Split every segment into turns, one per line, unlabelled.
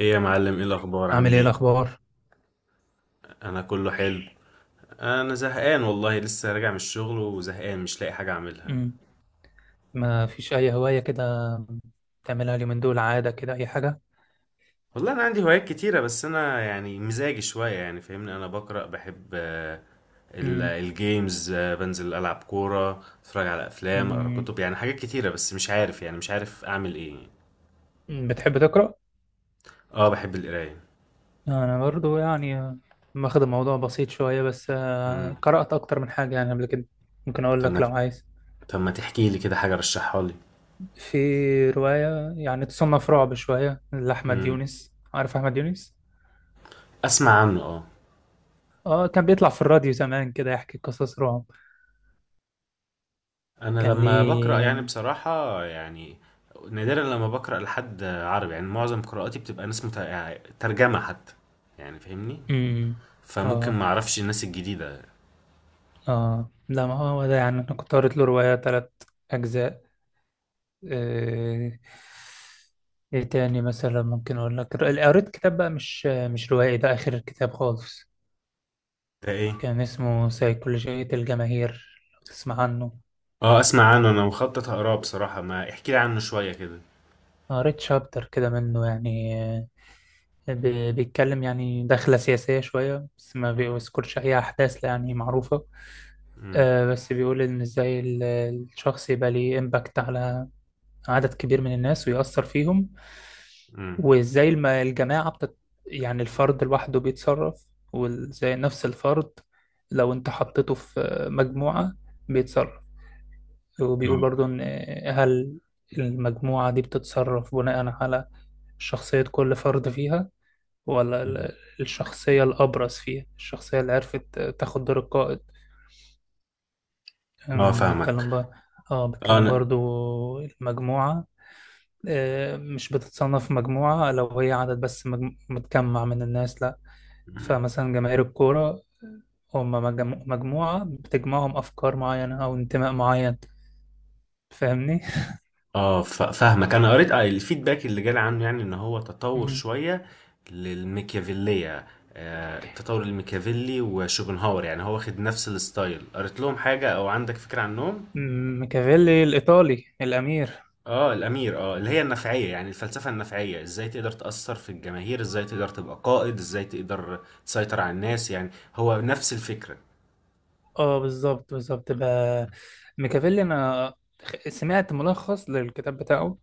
ايه يا معلم؟ ايه الاخبار؟
عامل
عامل
ايه
ايه؟
الاخبار؟
انا كله حلو. انا زهقان والله، لسه راجع من الشغل وزهقان مش لاقي حاجه اعملها.
امم ما فيش اي هوايه كده تعملها اليومين دول عاده، كده اي حاجه؟
والله انا عندي هوايات كتيره، بس انا يعني مزاجي شويه، يعني فاهمني، انا بقرا بحب،
امم
الجيمز، بنزل العب كوره، اتفرج على افلام، اقرا
أمم.
كتب، يعني حاجات كتيره بس مش عارف اعمل ايه.
مم، بتحب تقرا؟
اه بحب القرايه.
انا برضو يعني واخد الموضوع بسيط شويه، بس
امم.
قرات اكتر من حاجه يعني قبل كده. ممكن اقول
طب
لك
ما
لو عايز.
طب ما تحكي لي كده حاجه رشحها لي.
في روايه يعني تصنف رعب شويه لاحمد
امم.
يونس، عارف احمد يونس؟
اسمع عنه اه.
اه كان بيطلع في الراديو زمان كده يحكي قصص رعب.
انا
كان
لما بقرا
ليه
يعني بصراحه، يعني نادرا لما بقرا لحد عربي، يعني معظم قراءاتي بتبقى ناس يعني ترجمه حتى، يعني فاهمني،
أمم.
فممكن
اه
ما اعرفش الناس الجديده.
اه لا، ما هو ده يعني انا كنت قريت له رواية تلات اجزاء. آه، ايه تاني مثلا؟ ممكن اقول لك قريت كتاب بقى، مش روائي، ده اخر كتاب خالص.
ده ايه؟
كان اسمه سيكولوجية الجماهير، لو تسمع عنه.
اه اسمع عنه، انا مخطط اقراه بصراحه، ما احكي لي عنه شويه كده.
قريت شابتر كده منه يعني، بيتكلم يعني دخلة سياسية شوية، بس ما بيذكرش أي أحداث يعني معروفة.
امم،
بس بيقول إن إزاي الشخص يبقى ليه إمباكت على عدد كبير من الناس ويأثر فيهم.
امم،
وازاي الجماعة يعني الفرد لوحده بيتصرف، وازاي نفس الفرد لو انت حطيته في مجموعة بيتصرف. وبيقول
اه،
برضو ان هل المجموعة دي بتتصرف بناء على شخصية كل فرد فيها، ولا
أمم.
الشخصية الأبرز فيها، الشخصية اللي عرفت تاخد دور القائد. بيتكلم
فاهمك
بقى. اه
اه
بيتكلم
انا
برضو المجموعة مش بتتصنف مجموعة لو هي عدد بس، متجمع من الناس، لا. فمثلا جماهير الكورة هم مجموعة بتجمعهم أفكار معينة أو انتماء معين، فاهمني؟
اه ف- فاهمك، انا قريت، الفيدباك اللي جالي عنه يعني ان هو تطور
مم.
شويه للميكيافيليه. التطور الميكيافيلي وشوبنهاور، يعني هو واخد نفس الستايل، قريت لهم حاجه او عندك فكره عنهم؟
ميكافيلي الإيطالي، الأمير.
اه الامير، اه اللي هي النفعيه، يعني الفلسفه النفعيه، ازاي تقدر تاثر في الجماهير، ازاي تقدر تبقى قائد، ازاي تقدر تسيطر على الناس، يعني هو نفس الفكره.
اه بالظبط، بالظبط بقى. ميكافيلي، أنا سمعت ملخص للكتاب بتاعه،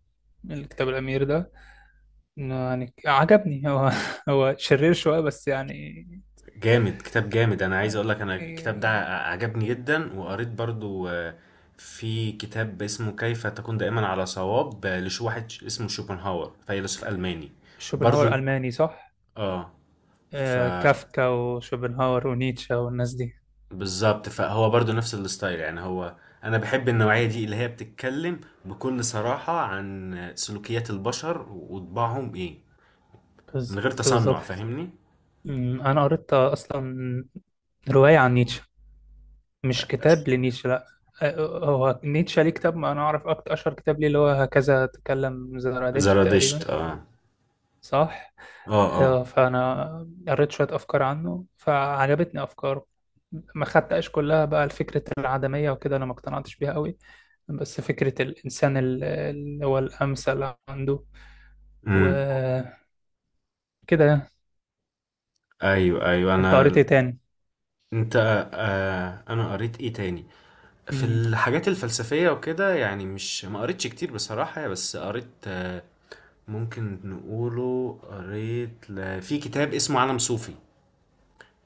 الكتاب الأمير ده. إنه يعني عجبني، هو هو شرير شوية بس يعني.
جامد، كتاب جامد، انا عايز
آه،
اقول لك انا
آه،
الكتاب ده عجبني جدا، وقريت برضو، في كتاب اسمه كيف تكون دائما على صواب، لش واحد اسمه شوبنهاور، فيلسوف الماني. برضو
شوبنهاور ألماني صح؟
اه. ف
كافكا وشوبنهاور ونيتشه والناس دي.
بالظبط، فهو برضو نفس الستايل يعني. انا بحب النوعية دي اللي هي بتتكلم بكل صراحة عن سلوكيات البشر وطباعهم ايه، من
بالظبط،
غير
بالظبط.
تصنع، فاهمني.
انا قريت اصلا روايه عن نيتشه، مش كتاب لنيتشه، لا. هو نيتشه ليه كتاب، ما انا اعرف اكتر اشهر كتاب ليه، اللي هو هكذا تكلم زرادشت تقريبا،
زرادشت اه.
صح.
اه اه.
فانا قريت شويه افكار عنه فعجبتني افكاره. ما خدتهاش كلها بقى، الفكرة العدمية وكده أنا ما اقتنعتش بيها قوي، بس فكرة الإنسان اللي هو الأمثل عنده
امم.
وكده.
ايوه ايوه.
انت قريت ايه
انا
تاني؟
انت آه انا قريت ايه تاني؟ في
امم
الحاجات الفلسفية وكده، يعني مش ما قريتش كتير بصراحة، بس قريت ممكن نقوله، قريت في كتاب اسمه عالم صوفي.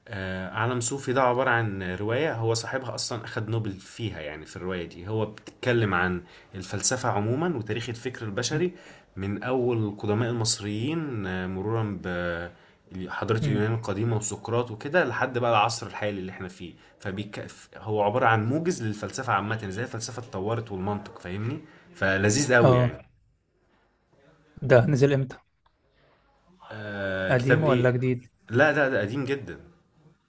عالم صوفي ده عبارة عن رواية، هو صاحبها أصلا أخد نوبل فيها. يعني في الرواية دي هو بتتكلم عن الفلسفة عموما وتاريخ الفكر
امم
البشري، من أول القدماء المصريين، مرورا بحضارة
امم.
اليونان القديمة وسقراط وكده، لحد بقى العصر الحالي اللي احنا فيه. فبيك... هو عبارة عن موجز للفلسفة عامة، ازاي الفلسفة اتطورت والمنطق، فاهمني، فلذيذ قوي
اه.
يعني.
ده نزل امتى؟
آه،
قديم
كتاب
ولا
ايه؟
جديد؟
لا، ده قديم جدا،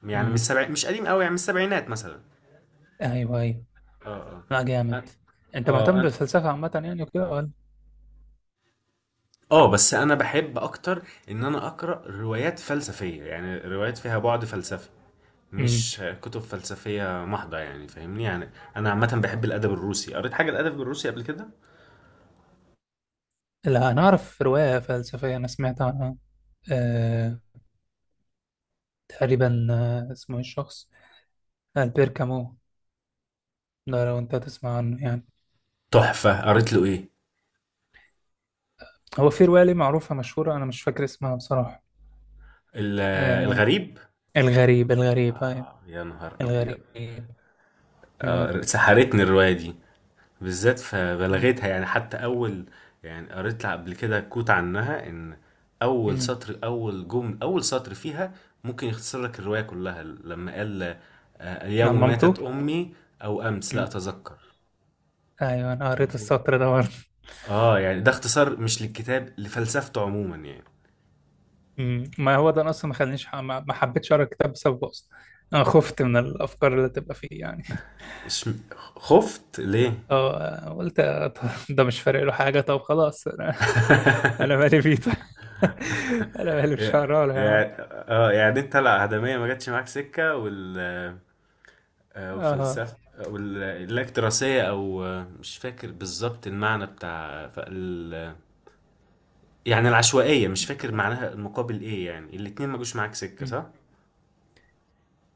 يعني
امم،
مش قديم قوي، يعني من السبعينات مثلا.
ايوه ايوه.
اه.
لا،
اه
جامد. انت مهتم
اه.
بالفلسفه عامه يعني وكده ولا؟
اه بس انا بحب اكتر ان انا اقرا روايات فلسفيه، يعني روايات فيها بعد فلسفي،
امم.
مش كتب فلسفيه محضه، يعني فاهمني يعني. انا عامه بحب الادب الروسي، قريت حاجه الادب الروسي قبل كده؟
لا انا اعرف روايه فلسفيه، انا سمعت عنها. آه تقريبا، آه اسمه إيه الشخص، البير كامو. ده لو انت تسمع عنه يعني.
تحفه، قريت له ايه؟
هو في روايه ليه معروفه مشهوره، انا مش فاكر اسمها بصراحه.
ال-
آه
الغريب.
الغريب، الغريب، ايوه،
اه يا نهار ابيض،
الغريب. امم.
آه سحرتني الروايه دي، بالذات فبلغتها، يعني حتى اول، يعني قريت لها قبل كده كوت عنها ان اول
امم،
سطر، اول جمل، اول سطر فيها ممكن يختصر لك الرواية كلها لما قال
عن
اليوم ماتت
مامته.
امي، او امس، لا اتذكر.
ايوه انا
يعني
قريت
في-
السطر ده برضه.
اه يعني ده اختصار، مش للكتاب، لفلسفته عموما يعني.
ما هو ده أنا اصلا ما خلانيش، ما حبيتش اقرا الكتاب بسببه اصلا. انا خفت من الافكار اللي تبقى فيه يعني.
خفت ليه؟
اه قلت طب ده مش فارق له حاجه، طب خلاص انا، انا مالي بيه طيب. انا مالي، مش هقرا له يا عم.
يعني اه، يعني انت العدمية ما جاتش معاك سكة،
اه
والفلسفة والاكتراسية، أو مش فاكر بالظبط المعنى بتاع يعني العشوائية، مش فاكر معناها المقابل إيه، يعني الاتنين ما جوش معاك سكة
أمم.
صح؟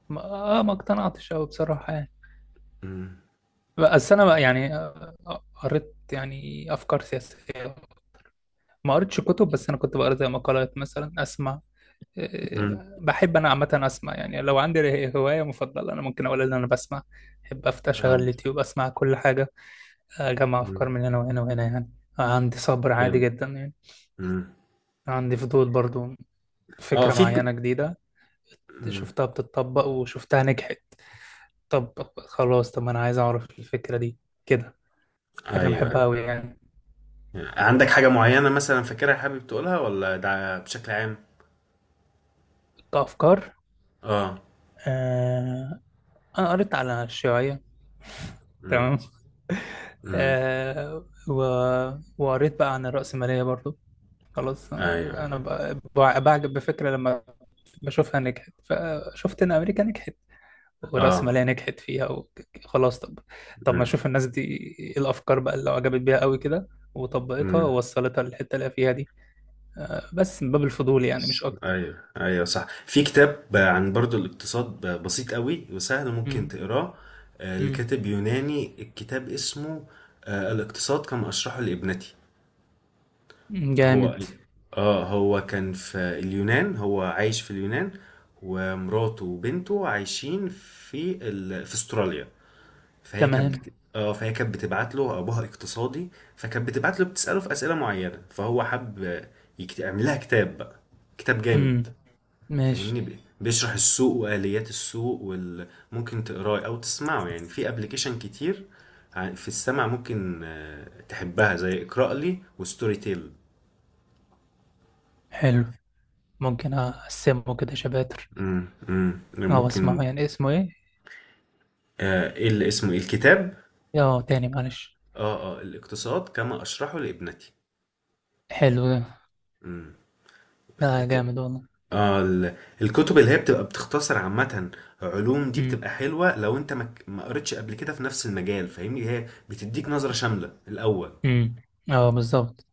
ما ما اقتنعتش قوي بصراحه يعني.
مم.
بس انا بقى يعني، قريت يعني افكار سياسيه. ما قريتش كتب، بس انا كنت بقرا زي مقالات مثلا، اسمع.
مم.
بحب انا عامه اسمع، يعني لو عندي هوايه مفضله انا ممكن اقول ان انا بسمع. بحب افتح
اه.
اشغل اليوتيوب اسمع كل حاجه، اجمع افكار
مم.
من هنا وهنا وهنا يعني. عندي صبر عادي
حلو.
جدا يعني.
مم.
عندي فضول برضو،
اه
فكره
في
معينه جديده
مم.
شفتها بتتطبق وشفتها نجحت، طب خلاص طب ما انا عايز اعرف الفكره دي كده. حاجه انا
أيوه،
بحبها
أيوة.
قوي يعني.
يعني عندك حاجة معينة مثلا فاكرها حابب تقولها، ولا ده بشكل عام؟
كافكار
اه.
آه، انا قريت على الشيوعيه،
مم.
تمام.
مم.
آه و... وقريت بقى عن الرأسمالية برضو. خلاص،
أيوه، أيوة.
انا بعجب بفكره لما بشوفها نجحت. فشفت ان امريكا نجحت
اه.
والرأسمالية نجحت فيها، وخلاص طب، طب ما
مم.
اشوف الناس دي ايه الافكار بقى اللي عجبت بيها قوي كده وطبقتها
مم.
ووصلتها للحته اللي هي فيها دي. بس من باب الفضول يعني، مش اكتر.
ايوه ايوه صح، في كتاب عن برضو الاقتصاد، بسيط قوي وسهل، ممكن
مم.
تقراه،
مم.
لكاتب يوناني، الكتاب اسمه الاقتصاد كما اشرحه لابنتي.
جامد.
هو اه، هو كان في اليونان، هو عايش في اليونان ومراته وبنته عايشين في في استراليا.
تمام.
اه، فهي كانت بتبعت له، ابوها اقتصادي، فكانت بتبعت له، بتساله في اسئله معينه، فهو حب يعمل لها كتاب بقى، كتاب جامد،
مم.
فاهمني،
ماشي.
بيشرح السوق واليات السوق ممكن تقراه او تسمعه يعني، في ابلكيشن كتير، في السمع، ممكن تحبها زي اقرأ لي وستوري تيل.
حلو. ممكن اقسمه كده شباتر
امم، امم،
او اسمعه
ممكن.
يعني؟ اسمه ايه؟
ايه اللي اسمه إيه؟ الكتاب؟
اه تاني معلش.
اه، اه، الاقتصاد كما اشرحه لابنتي.
حلو ده.
امم. ك-
جامد والله.
اه ال- الكتب اللي هي بتبقى بتختصر عامة علوم، دي بتبقى حلوة لو انت ما قريتش قبل كده في نفس المجال، فاهمني، هي بتديك نظرة شاملة الأول،
امم. اه بالظبط.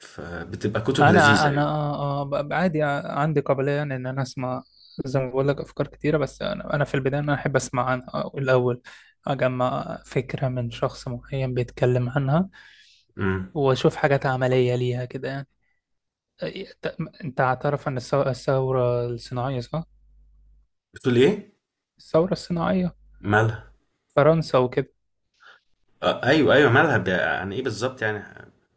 فبتبقى كتب لذيذة
انا انا
يعني.
آه، آه، ب- عادي آه، عندي قابليه يعني ان انا اسمع، زي ما بقول لك، افكار كتيره. بس انا في البدايه انا احب اسمع عنها الاول، اجمع فكره من شخص معين بيتكلم عنها
امم.
واشوف حاجات عمليه ليها كده يعني. ت- انت هتعرف ان الثوره الصناعيه، صح؟
بتقول ايه؟
الثوره الصناعيه،
مالها؟
فرنسا وكده.
آه ايوه ايوه، مالها عن ايه بالظبط يعني؟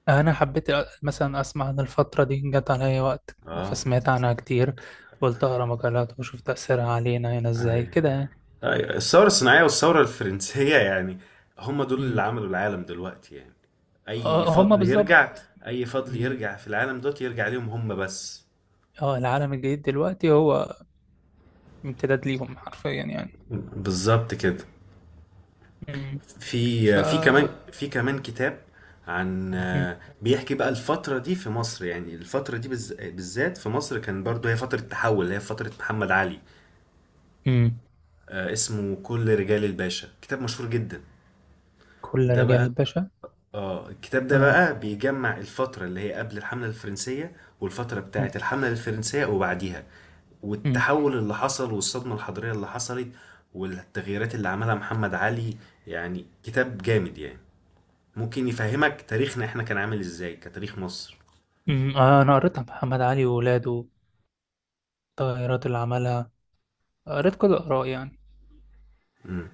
انا حبيت مثلا اسمع عن الفتره دي، جت عليا وقت
اه
فسمعت عنها كتير، قلت اقرا مقالات واشوف تاثيرها علينا هنا ازاي كده
ايوه،
يعني.
أيوة. الثوره الصناعيه والثوره الفرنسيه، يعني هم دول اللي
مم.
عملوا العالم دلوقتي يعني. اي
هما
فضل
بالظبط.
يرجع اي فضل
مم.
يرجع في العالم دوت، يرجع ليهم هم بس.
اه العالم الجديد دلوقتي هو امتداد ليهم حرفيا يعني.
بالظبط كده.
مم. ف
في كمان كتاب عن،
مم.
بيحكي بقى الفترة دي في مصر، يعني الفترة دي بالذات في مصر، كان برضو هي فترة تحول، هي فترة محمد علي.
مم.
اسمه كل رجال الباشا، كتاب مشهور جدا،
كل
ده
رجال
بقى.
باشا.
اه الكتاب ده
اه.
بقى بيجمع الفترة اللي هي قبل الحملة الفرنسية، والفترة بتاعة
مم.
الحملة الفرنسية وبعديها،
مم.
والتحول اللي حصل، والصدمة الحضارية اللي حصلت، والتغييرات اللي عملها محمد علي. يعني كتاب جامد يعني، ممكن يفهمك تاريخنا احنا كان عامل ازاي كتاريخ مصر.
مم. آه انا قريت عن محمد علي وولاده، التغيرات اللي عملها، قريت كل الاراء يعني.
مم.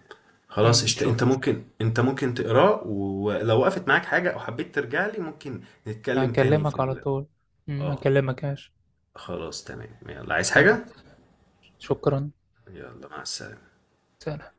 خلاص،
مم.
انت
شفت،
ممكن انت ممكن تقراه، ولو وقفت معاك حاجة او حبيت ترجع لي ممكن نتكلم تاني في
هكلمك على طول. مم.
اه.
هكلمك ياش.
خلاص تمام، يلا، عايز
تمام.
حاجة؟
شكرا.
يلا، مع السلامة.
سلام.